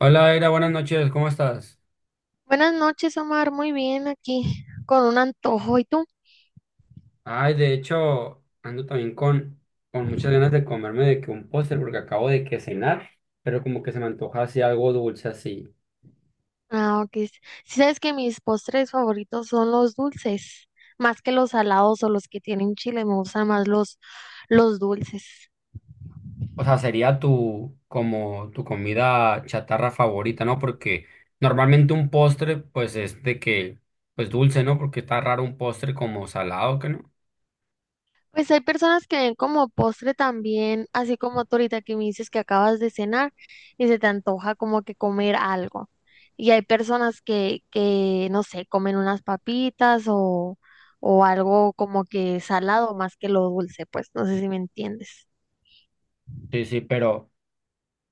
Hola, Era, buenas noches, ¿cómo estás? Buenas noches, Omar. Muy bien aquí, con un antojo. ¿Y tú? Ay, de hecho, ando también con muchas ganas de comerme de que un póster porque acabo de que cenar, pero como que se me antoja así algo dulce así. Ah, ok. Sí, sabes que mis postres favoritos son los dulces, más que los salados o los que tienen chile. Me gustan más los dulces. O sea, sería tu, como tu comida chatarra favorita, ¿no? Porque normalmente un postre, pues es de que, pues dulce, ¿no? Porque está raro un postre como salado, ¿que no? Pues hay personas que ven como postre también, así como tú ahorita que me dices que acabas de cenar y se te antoja como que comer algo. Y hay personas que no sé, comen unas papitas o algo como que salado más que lo dulce, pues no sé si me entiendes. Sí, sí, pero...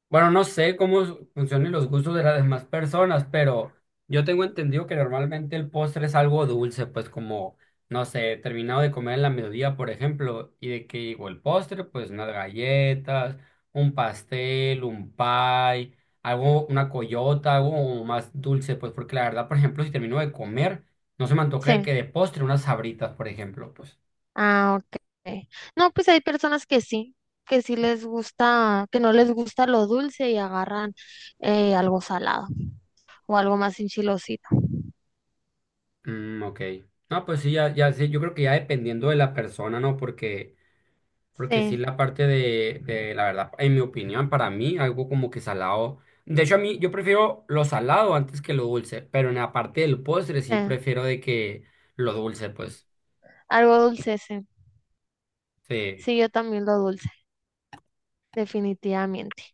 Bueno, no sé cómo funcionan los gustos de las demás personas, pero yo tengo entendido que normalmente el postre es algo dulce, pues como, no sé, terminado de comer en la mediodía, por ejemplo, y de que digo el postre, pues unas galletas, un pastel, un pie, algo, una coyota, algo como más dulce, pues porque la verdad, por ejemplo, si termino de comer, no se me antoje Sí, que de postre unas sabritas, por ejemplo, pues. ah, ok. No, pues hay personas que sí les gusta, que no les gusta lo dulce y agarran algo salado o algo más enchilosito. Mm, ok. No, pues sí, ya sé. Yo creo que ya dependiendo de la persona, ¿no? Porque... Porque sí, Sí, la parte de, la verdad, en mi opinión, para mí, algo como que salado. De hecho, a mí, yo prefiero lo salado antes que lo dulce, pero en la parte del postre sí sí, prefiero de que lo dulce, pues. algo dulce, sí. Sí. Sí, yo también lo dulce, definitivamente.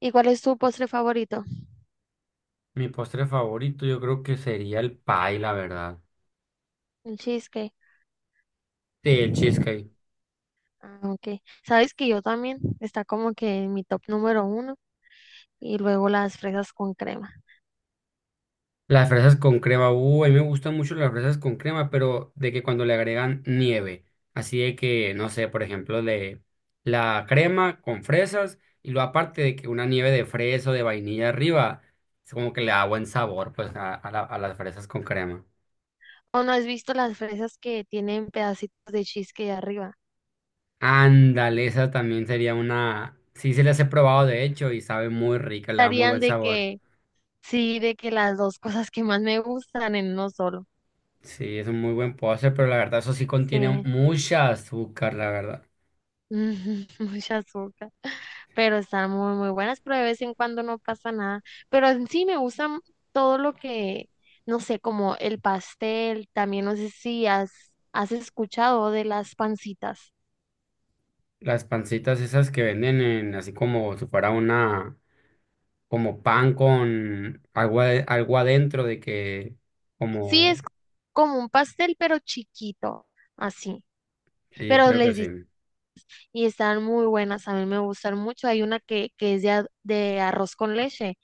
¿Y cuál es tu postre favorito? Mi postre favorito yo creo que sería el pie, la verdad. El cheesecake. Sí, el cheesecake. Ah, ok. Sabes que yo también está como que en mi top número uno y luego las fresas con crema. Las fresas con crema, a mí me gustan mucho las fresas con crema, pero de que cuando le agregan nieve, así de que, no sé, por ejemplo, de la crema con fresas y luego aparte de que una nieve de fresa o de vainilla arriba, es como que le da buen sabor pues a a las fresas con crema. ¿O no has visto las fresas que tienen pedacitos de cheesecake arriba? Ándale, esa también sería una, sí, se las he probado de hecho y sabe muy rica, le da muy buen Estarían de sabor. que, sí, de que las dos cosas que más me gustan en uno solo. Sí, es un muy buen postre, pero la verdad eso sí contiene Sí, mucha azúcar, la verdad. ujú, mucha azúcar. Pero están muy, muy buenas, pero de vez en cuando no pasa nada. Pero en sí me gustan todo lo no sé, como el pastel, también no sé si has escuchado de las pancitas. Las pancitas esas que venden en, así como si fuera una, como pan con agua, algo adentro de que, Sí, es como, como un pastel, pero chiquito, así. sí, Pero creo que les di- sí. y están muy buenas, a mí me gustan mucho. Hay una que es de arroz con leche.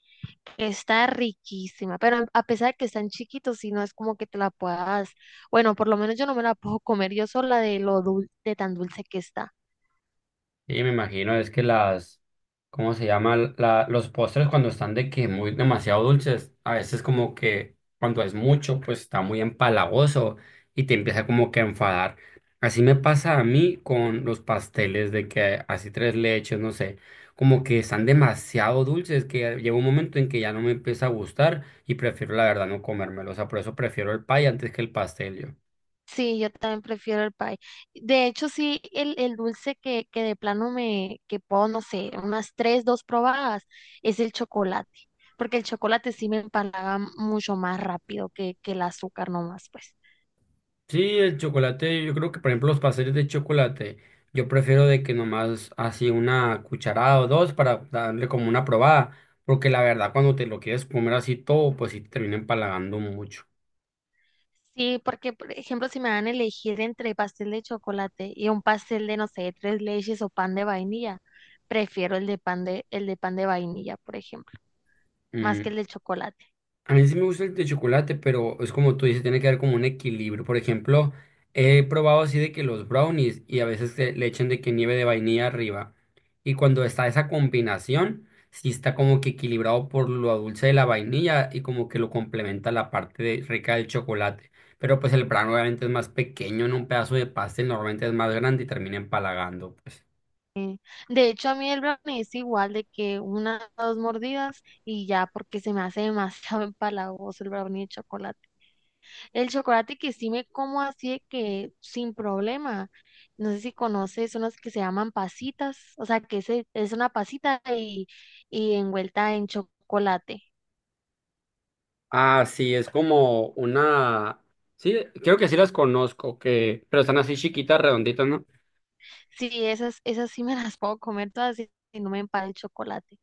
Está riquísima, pero a pesar de que están chiquitos, si no es como que te la puedas, bueno, por lo menos yo no me la puedo comer yo sola de lo de tan dulce que está. Y me imagino es que las, ¿cómo se llama? La, los postres cuando están de que muy demasiado dulces, a veces como que cuando es mucho, pues está muy empalagoso y te empieza como que a enfadar. Así me pasa a mí con los pasteles de que así tres leches, no sé, como que están demasiado dulces que llega un momento en que ya no me empieza a gustar y prefiero la verdad no comérmelo. O sea, por eso prefiero el pay antes que el pastel yo. Sí, yo también prefiero el pie. De hecho, sí, el dulce que de plano me, que puedo, no sé, unas tres, dos probadas, es el chocolate, porque el chocolate sí me empalaga mucho más rápido que el azúcar nomás, pues. Sí, el chocolate, yo creo que por ejemplo los pasteles de chocolate, yo prefiero de que nomás así una cucharada o dos para darle como una probada, porque la verdad cuando te lo quieres comer así todo, pues sí te termina empalagando mucho. Sí, porque, por ejemplo, si me dan a elegir entre pastel de chocolate y un pastel de, no sé, tres leches o pan de vainilla, prefiero el de el de pan de vainilla, por ejemplo, más que Mm, el de chocolate. a mí sí me gusta el de chocolate, pero es como tú dices, tiene que haber como un equilibrio. Por ejemplo, he probado así de que los brownies y a veces que le echan de que nieve de vainilla arriba. Y cuando está esa combinación, sí está como que equilibrado por lo dulce de la vainilla y como que lo complementa la rica del chocolate. Pero pues el brownie obviamente es más pequeño, en un pedazo de pastel normalmente es más grande y termina empalagando, pues. De hecho, a mí el brownie es igual de que una o dos mordidas y ya, porque se me hace demasiado empalagoso el brownie de chocolate. El chocolate que sí me como así de que sin problema. No sé si conoces unos que se llaman pasitas, o sea, que ese es una pasita y envuelta en chocolate. Ah, sí, es como una... Sí, creo que sí las conozco, que... pero están así chiquitas, redonditas, ¿no? Sí, esas sí me las puedo comer todas y no me empal el chocolate.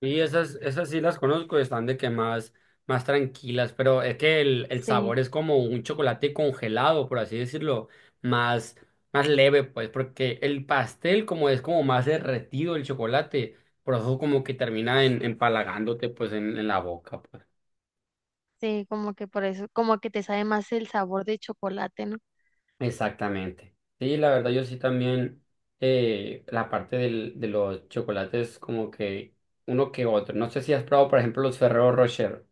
Y esas, esas sí las conozco, están de que más, más tranquilas, pero es que el Sí, sabor es como un chocolate congelado, por así decirlo, más, más leve, pues, porque el pastel como es como más derretido el chocolate, por eso como que termina en, empalagándote pues en la boca, pues. sí, como que por eso, como que te sabe más el sabor de chocolate, ¿no? Exactamente. Sí, la verdad yo sí también la parte del, de los chocolates como que uno que otro. No sé si has probado, por ejemplo, los Ferrero Rocher.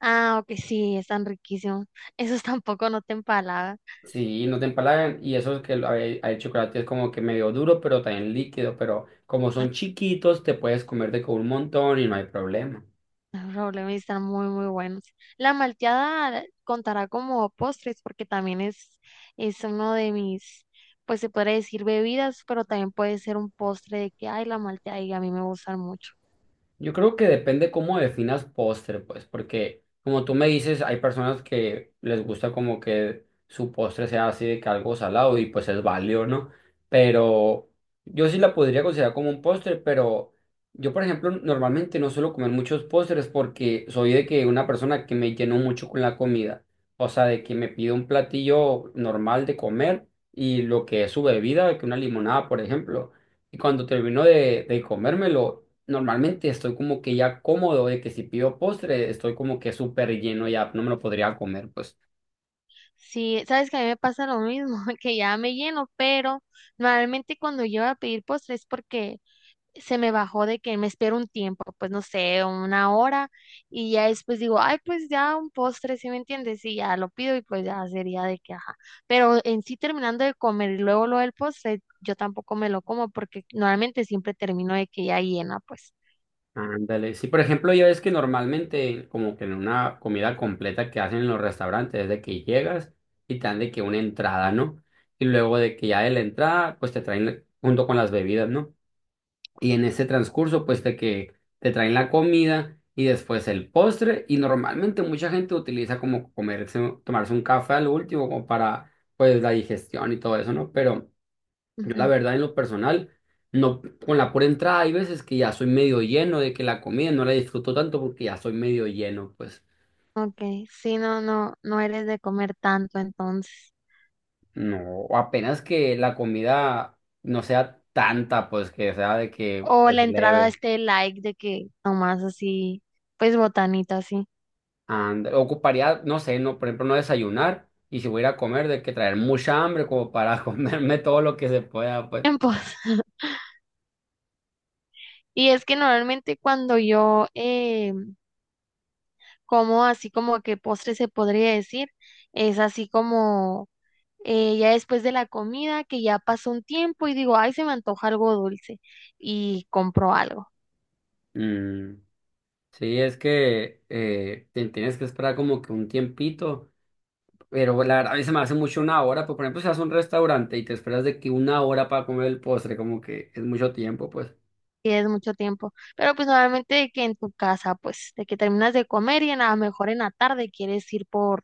Ah, ok, sí, están riquísimos. Esos tampoco no te empalagan. Sí, no te empalagan. Y eso es que el, hay chocolate es como que medio duro, pero también líquido. Pero como son chiquitos, te puedes comer de con un montón y no hay problema. Los problemas están muy, muy buenos. La malteada contará como postres porque también es uno de mis, pues se podría decir bebidas, pero también puede ser un postre de que, ay, la malteada y a mí me gustan mucho. Yo creo que depende cómo definas postre, pues, porque como tú me dices, hay personas que les gusta como que su postre sea así de que algo salado y pues es válido, ¿no? Pero yo sí la podría considerar como un postre, pero yo, por ejemplo, normalmente no suelo comer muchos postres porque soy de que una persona que me lleno mucho con la comida, o sea, de que me pido un platillo normal de comer y lo que es su bebida, que una limonada, por ejemplo. Y cuando termino de comérmelo, normalmente estoy como que ya cómodo de que si pido postre, estoy como que súper lleno ya, no me lo podría comer, pues. Sí, sabes que a mí me pasa lo mismo, que ya me lleno, pero normalmente cuando yo voy a pedir postres es porque se me bajó de que me espero un tiempo, pues no sé, 1 hora, y ya después digo, ay, pues ya un postre, ¿sí me entiendes? Y ya lo pido y pues ya sería de que, ajá. Pero en sí terminando de comer y luego lo del postre, yo tampoco me lo como porque normalmente siempre termino de que ya llena, pues. Ándale. Sí, por ejemplo, ya ves que normalmente, como que en una comida completa que hacen en los restaurantes, es de que llegas y te dan de que una entrada, ¿no? Y luego de que ya de la entrada, pues te traen junto con las bebidas, ¿no? Y en ese transcurso, pues de que te traen la comida y después el postre. Y normalmente mucha gente utiliza como comerse, tomarse un café al último como para pues la digestión y todo eso, ¿no? Pero yo la Ujú. verdad en lo personal, no, con la pura entrada hay veces que ya soy medio lleno de que la comida no la disfruto tanto porque ya soy medio lleno, pues Ok, sí, no, no, no eres de comer tanto entonces. no, o apenas que la comida no sea tanta, pues que sea de que O pues la entrada, leve. este like de que nomás así, pues botanita así. And, ocuparía, no sé, no, por ejemplo, no desayunar y si voy a ir a comer, de que traer mucha hambre como para comerme todo lo que se pueda, pues. Tiempos. Y es que normalmente cuando yo como así como que postre se podría decir, es así como ya después de la comida que ya pasó un tiempo y digo, ay, se me antoja algo dulce y compro algo. Mm, sí, es que te tienes que esperar como que un tiempito, pero la verdad, a mí se me hace mucho una hora, pues, por ejemplo, si vas a un restaurante y te esperas de que una hora para comer el postre, como que es mucho tiempo, pues. Y es mucho tiempo. Pero pues normalmente de que en tu casa, pues de que terminas de comer a lo mejor en la tarde quieres ir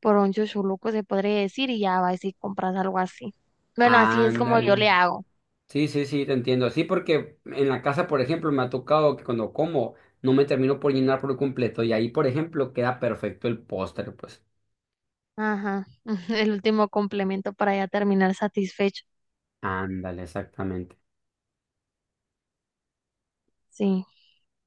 por un chuchuluco, se podría decir, y ya vas y compras algo así. Bueno, así es como yo Ándale. le hago. Sí, sí, sí, te entiendo. Sí, porque en la casa, por ejemplo, me ha tocado que cuando como no me termino por llenar por completo y ahí, por ejemplo, queda perfecto el postre, pues. Ajá, el último complemento para ya terminar satisfecho. Ándale, exactamente. Sí.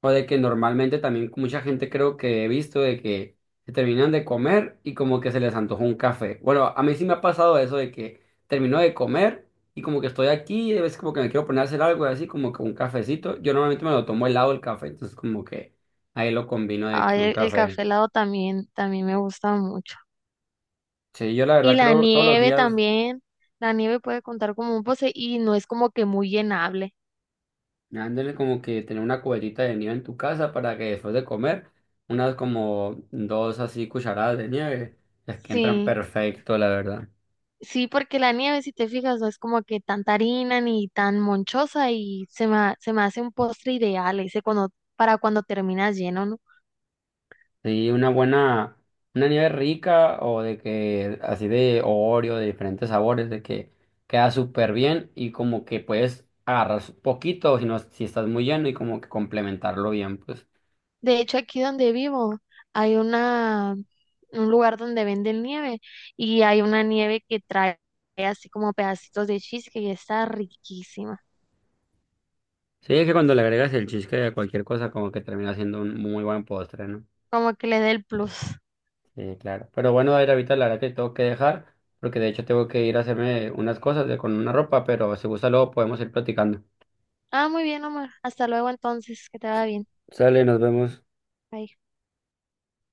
O de que normalmente también mucha gente creo que he visto de que se terminan de comer y como que se les antojó un café. Bueno, a mí sí me ha pasado eso de que termino de comer y como que estoy aquí y a veces como que me quiero poner a hacer algo así como que un cafecito. Yo normalmente me lo tomo helado el café, entonces como que ahí lo combino de que Ay, un el café. café helado también, también me gusta mucho. Sí, yo la Y verdad la creo todos los nieve días también. La nieve puede contar como un postre y no es como que muy llenable. dándole como que tener una cubetita de nieve en tu casa para que después de comer unas como dos así cucharadas de nieve, es que entran Sí, perfecto, la verdad. sí, porque la nieve, si te fijas, no es como que tan harina ni tan monchosa y se se me hace un postre ideal ese cuando, para cuando terminas lleno, ¿no? Sí, una buena, una nieve rica o de que así de Oreo, de diferentes sabores, de que queda súper bien y como que puedes agarrar poquito si no, si estás muy lleno y como que complementarlo bien, pues. De hecho, aquí donde vivo hay una, un lugar donde venden nieve y hay una nieve que trae así como pedacitos de cheesecake y está riquísima. Sí, es que cuando le agregas el cheesecake a cualquier cosa como que termina siendo un muy buen postre, ¿no? Como que le dé el plus. Sí, claro. Pero bueno, a ver, ahorita la verdad que tengo que dejar, porque de hecho tengo que ir a hacerme unas cosas de, con una ropa, pero si gusta luego podemos ir platicando. Ah, muy bien, Omar. Hasta luego entonces, que te vaya bien. Sale, nos vemos. Bye.